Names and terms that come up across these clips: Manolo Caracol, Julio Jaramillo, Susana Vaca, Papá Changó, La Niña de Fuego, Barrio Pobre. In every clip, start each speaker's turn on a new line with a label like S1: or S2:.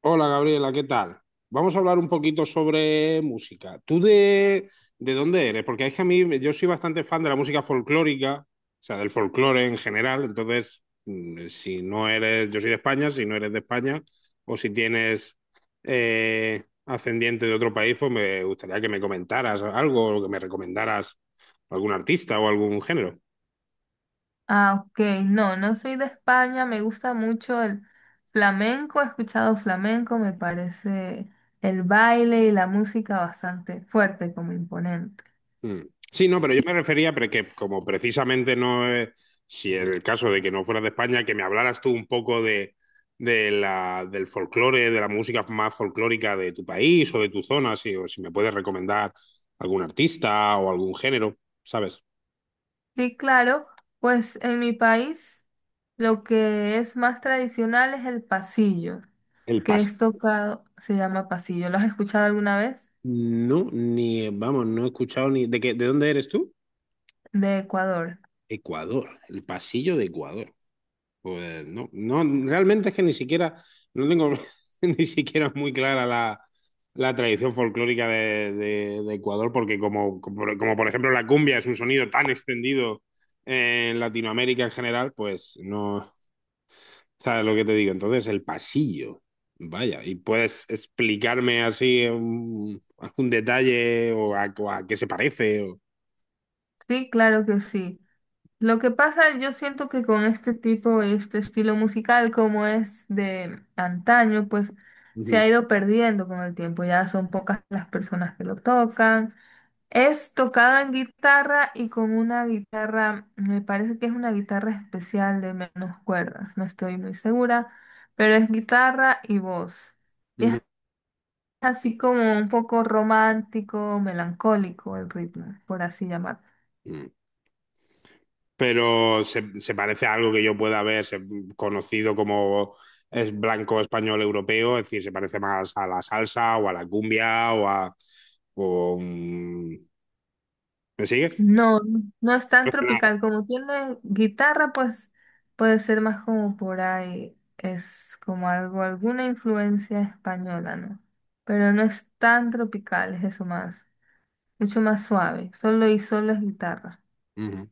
S1: Hola Gabriela, ¿qué tal? Vamos a hablar un poquito sobre música. ¿Tú de dónde eres? Porque es que a mí yo soy bastante fan de la música folclórica, o sea, del folclore en general. Entonces, si no eres, yo soy de España, si no eres de España, o si tienes ascendiente de otro país, pues me gustaría que me comentaras algo o que me recomendaras algún artista o algún género.
S2: Ah, ok. No, no soy de España. Me gusta mucho el flamenco. He escuchado flamenco. Me parece el baile y la música bastante fuerte, como imponente.
S1: Mm. Sí, no, pero yo me refería pero que como precisamente no es, si en el caso de que no fueras de España, que me hablaras tú un poco de la, del folclore, de la música más folclórica de tu país o de tu zona, si, o si me puedes recomendar algún artista o algún género, ¿sabes?
S2: Sí, claro. Pues en mi país lo que es más tradicional es el pasillo,
S1: El
S2: que
S1: paso.
S2: es tocado, se llama pasillo. ¿Lo has escuchado alguna vez?
S1: No, ni, vamos, no he escuchado ni... ¿De qué, de dónde eres tú?
S2: De Ecuador.
S1: Ecuador, el pasillo de Ecuador. Pues no, no, realmente es que ni siquiera, no tengo ni siquiera muy clara la, la tradición folclórica de, de Ecuador, porque como por ejemplo la cumbia es un sonido tan extendido en Latinoamérica en general, pues no, ¿sabes lo que te digo? Entonces el pasillo, vaya, ¿y puedes explicarme así un- algún detalle o a qué se parece? O...
S2: Sí, claro que sí. Lo que pasa, yo siento que con este tipo, este estilo musical como es de antaño, pues se
S1: Ujú,
S2: ha ido perdiendo con el tiempo. Ya son pocas las personas que lo tocan. Es tocado en guitarra y con una guitarra, me parece que es una guitarra especial de menos cuerdas, no estoy muy segura, pero es guitarra y voz. Y es así como un poco romántico, melancólico el ritmo, por así llamarlo.
S1: ujú. Pero se parece a algo que yo pueda haber se- conocido como es blanco español europeo, es decir, se parece más a la salsa o a la cumbia o a... o, ¿me sigues?
S2: No, no es tan tropical. Como tiene guitarra, pues puede ser más como por ahí. Es como algo, alguna influencia española, ¿no? Pero no es tan tropical, es eso más. Mucho más suave. Solo y solo es guitarra.
S1: Ujú.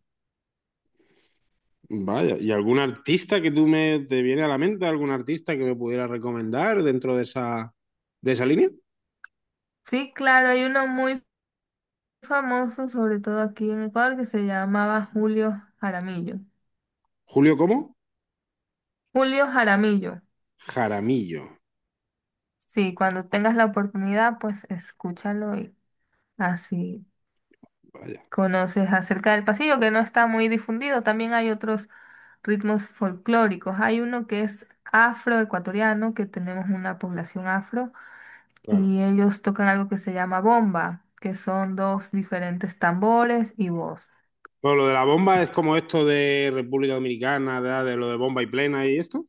S1: Vaya, ¿y algún artista que tú me te viene a la mente, algún artista que me pudiera recomendar dentro de esa línea?
S2: Sí, claro, hay uno muy famoso, sobre todo aquí en Ecuador, que se llamaba Julio Jaramillo.
S1: Julio, ¿cómo?
S2: Julio Jaramillo.
S1: Jaramillo.
S2: Sí, cuando tengas la oportunidad, pues escúchalo y así.
S1: Vaya,
S2: Conoces acerca del pasillo, que no está muy difundido. También hay otros ritmos folclóricos. Hay uno que es afroecuatoriano, que tenemos una población afro,
S1: claro.
S2: y ellos tocan algo que se llama bomba, que son dos diferentes tambores y voz.
S1: Bueno, lo de la bomba es como esto de República Dominicana, de lo de bomba y plena y esto,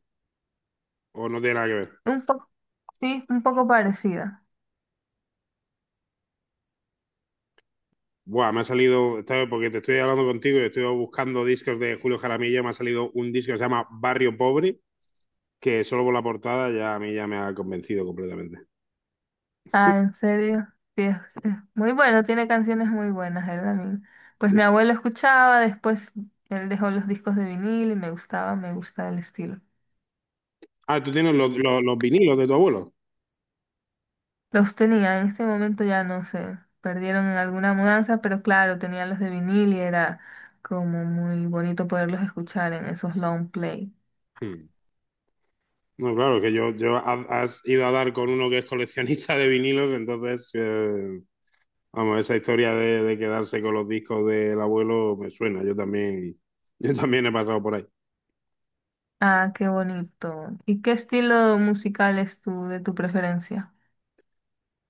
S1: ¿o no tiene nada que ver?
S2: Un poco, sí, un poco parecida.
S1: Buah, me ha salido, ¿sabes? Porque te estoy hablando contigo y estoy buscando discos de Julio Jaramillo. Me ha salido un disco que se llama Barrio Pobre, que solo por la portada ya a mí ya me ha convencido completamente.
S2: Ah, ¿en serio? Sí, es muy bueno, tiene canciones muy buenas, él también. Pues mi abuelo escuchaba, después él dejó los discos de vinil y me gustaba, me gusta el estilo.
S1: Ah, tú tienes los, los vinilos de tu abuelo.
S2: Los tenía, en este momento ya no sé, perdieron en alguna mudanza, pero claro, tenían los de vinil y era como muy bonito poderlos escuchar en esos long play.
S1: Hmm. No, claro, que yo ha- has ido a dar con uno que es coleccionista de vinilos, entonces, vamos, esa historia de quedarse con los discos del abuelo me suena. Yo también he pasado por ahí.
S2: Ah, qué bonito. ¿Y qué estilo musical es tu, de tu preferencia?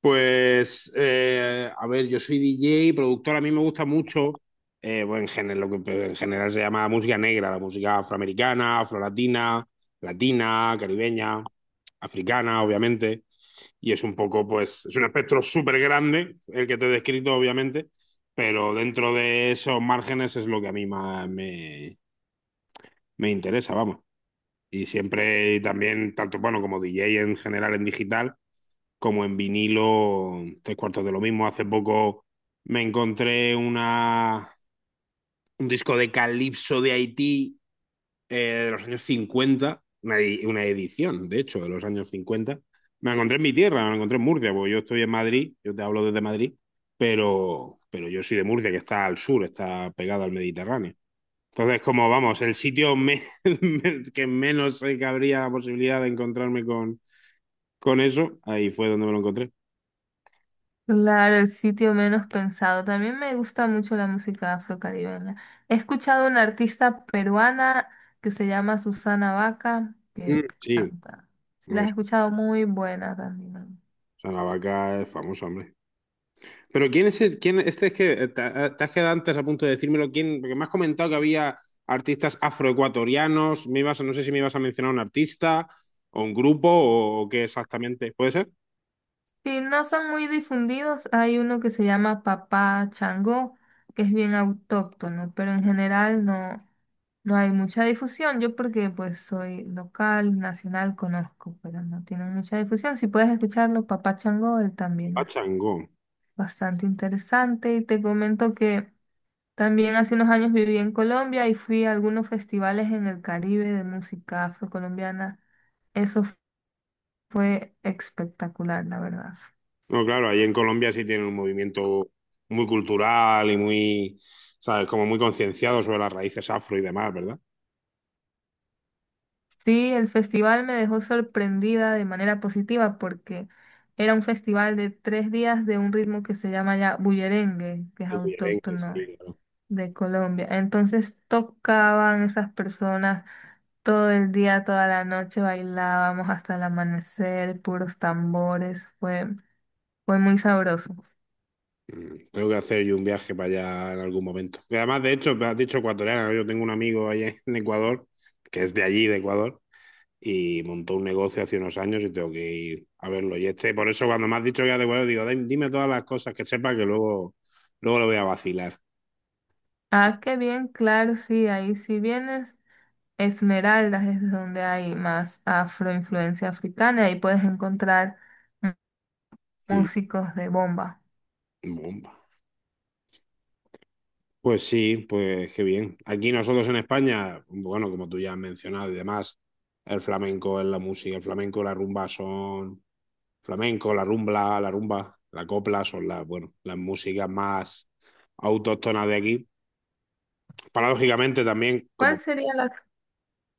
S1: Pues, a ver, yo soy DJ, productor, a mí me gusta mucho, bueno, en general, lo que en general se llama música negra, la música afroamericana, afrolatina, latina, caribeña, africana, obviamente, y es un poco, pues, es un espectro súper grande, el que te he descrito, obviamente, pero dentro de esos márgenes es lo que a mí más me, me interesa, vamos. Y siempre también, tanto bueno como DJ en general en digital, como en vinilo, tres cuartos de lo mismo. Hace poco me encontré una, un disco de Calypso de Haití de los años 50 una, edi- una edición, de hecho, de los años cincuenta. Me la encontré en mi tierra, me la encontré en Murcia, porque yo estoy en Madrid, yo te hablo desde Madrid, pero yo soy de Murcia, que está al sur, está pegado al Mediterráneo. Entonces, como vamos, el sitio me- me- que menos sé que habría la posibilidad de encontrarme con eso, ahí fue donde me lo encontré.
S2: Claro, el sitio menos pensado. También me gusta mucho la música afrocaribeña. He escuchado una artista peruana que se llama Susana Vaca,
S1: Mm,
S2: que
S1: sí,
S2: canta. Si la has
S1: pues,
S2: escuchado, muy buena también.
S1: o sea, la vaca es famosa, hombre. Pero ¿quién es el, quién, este es que te has quedado antes a punto de decírmelo, quién, porque me has comentado que había artistas afroecuatorianos, me ibas, a- no sé si me ibas a mencionar un artista o un grupo o qué exactamente. ¿Puede ser?
S2: Sí, no son muy difundidos. Hay uno que se llama Papá Changó, que es bien autóctono, pero en general no, no hay mucha difusión. Yo porque pues soy local, nacional, conozco, pero no tienen mucha difusión. Si puedes escucharlo, Papá Changó, él también es
S1: Pachangón.
S2: bastante interesante. Y te comento que también hace unos años viví en Colombia y fui a algunos festivales en el Caribe de música afrocolombiana. Eso fue espectacular, la verdad.
S1: No, claro, ahí en Colombia sí tienen un movimiento muy cultural y muy, ¿sabes? Como muy concienciado sobre las raíces afro y demás, ¿verdad?
S2: Sí, el festival me dejó sorprendida de manera positiva porque era un festival de 3 días de un ritmo que se llama ya bullerengue, que es
S1: El bullerengue,
S2: autóctono
S1: sí, claro.
S2: de Colombia. Entonces tocaban esas personas todo el día, toda la noche, bailábamos hasta el amanecer, puros tambores, fue muy sabroso.
S1: Mm, tengo que hacer yo un viaje para allá en algún momento. Y además, de hecho, me has dicho ecuatoriana ¿no? Yo tengo un amigo allá en Ecuador, que es de allí, de Ecuador, y montó un negocio hace unos años y tengo que ir a verlo. Y este, por eso cuando me has dicho que es de Ecuador, digo, "Dime- dime todas las cosas que sepa que luego, luego lo voy a vacilar".
S2: Ah, qué bien, claro, sí, ahí si vienes. Esmeraldas es donde hay más afroinfluencia africana y puedes encontrar.
S1: Mm,
S2: Músicos de bomba.
S1: bomba. Pues sí, pues qué bien. Aquí nosotros en España, bueno, como tú ya has mencionado y demás, el flamenco es la música, el flamenco, la rumba son flamenco, la rumba, la rumba, la copla son las, bueno, las músicas más autóctonas de aquí. Paradójicamente también,
S2: ¿Cuál
S1: como,
S2: sería la,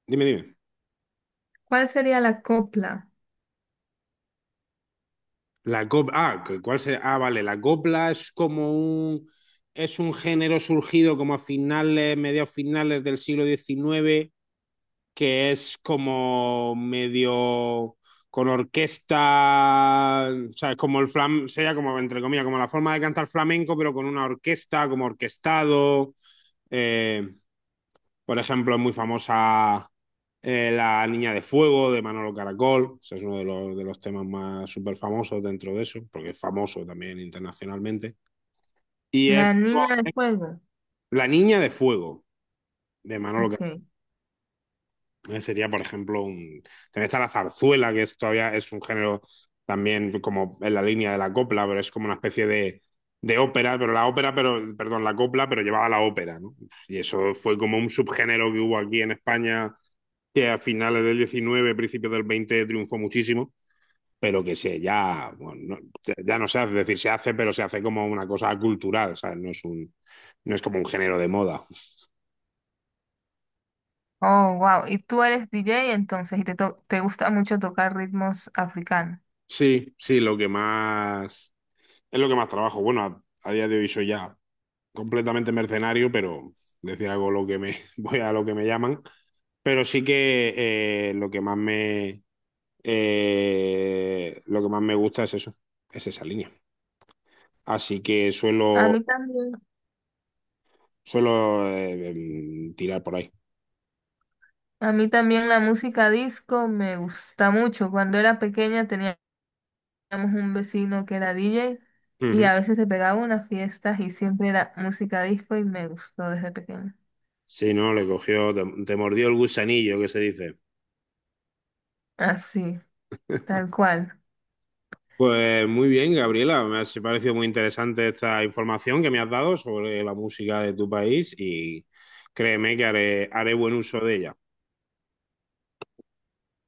S1: dime, dime,
S2: cuál sería la copla?
S1: la copla, ah, que- ¿cuál sería? Ah, vale, la copla es como un, es un género surgido como a finales, mediados finales del siglo diecinueve. Que es como medio con orquesta, o sea, es como el flam, sería como, entre comillas, como la forma de cantar flamenco, pero con una orquesta, como orquestado. Eh, por ejemplo, es muy famosa La Niña de Fuego de Manolo Caracol, ese es uno de los temas más súper famosos dentro de eso, porque es famoso también internacionalmente. Y es
S2: La niña de fuego.
S1: La Niña de Fuego de Manolo.
S2: Ok.
S1: Sería, por ejemplo, un... También está la zarzuela, que es, todavía es un género también como en la línea de la copla, pero es como una especie de ópera, pero la ópera, pero, perdón, la copla, pero llevada a la ópera, ¿no? Y eso fue como un subgénero que hubo aquí en España, que a finales del 19, principios del 20 triunfó muchísimo, pero que se ya, bueno, no, ya no se hace, es decir, se hace, pero se hace como una cosa cultural, ¿sabes? No es un, no es como un género de moda.
S2: Oh, wow. Y tú eres DJ entonces y te, to- te gusta mucho tocar ritmos africanos.
S1: Sí, sí, lo que más es lo que más trabajo. Bueno, a día de hoy soy ya completamente mercenario, pero decir algo lo que me voy a lo que me llaman. Pero sí que eh, lo que más me lo que más me gusta es eso, es esa línea. Así que
S2: A
S1: suelo
S2: mí también.
S1: suelo eh, em, tirar por ahí.
S2: A mí también la música disco me gusta mucho. Cuando era pequeña teníamos un vecino que era DJ y
S1: Ujú.
S2: a veces se pegaba unas fiestas y siempre era música disco y me gustó desde pequeña.
S1: Si no, le cogió, te mordió el gusanillo que se dice.
S2: Así, tal cual.
S1: Pues muy bien, Gabriela, me ha si, parecido muy interesante esta información que me has dado sobre la música de tu país y créeme que haré, haré buen uso de ella.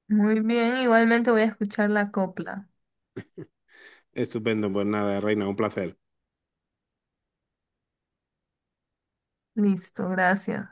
S2: Muy bien, igualmente voy a escuchar la copla.
S1: Estupendo, pues nada, Reina, un placer.
S2: Listo, gracias.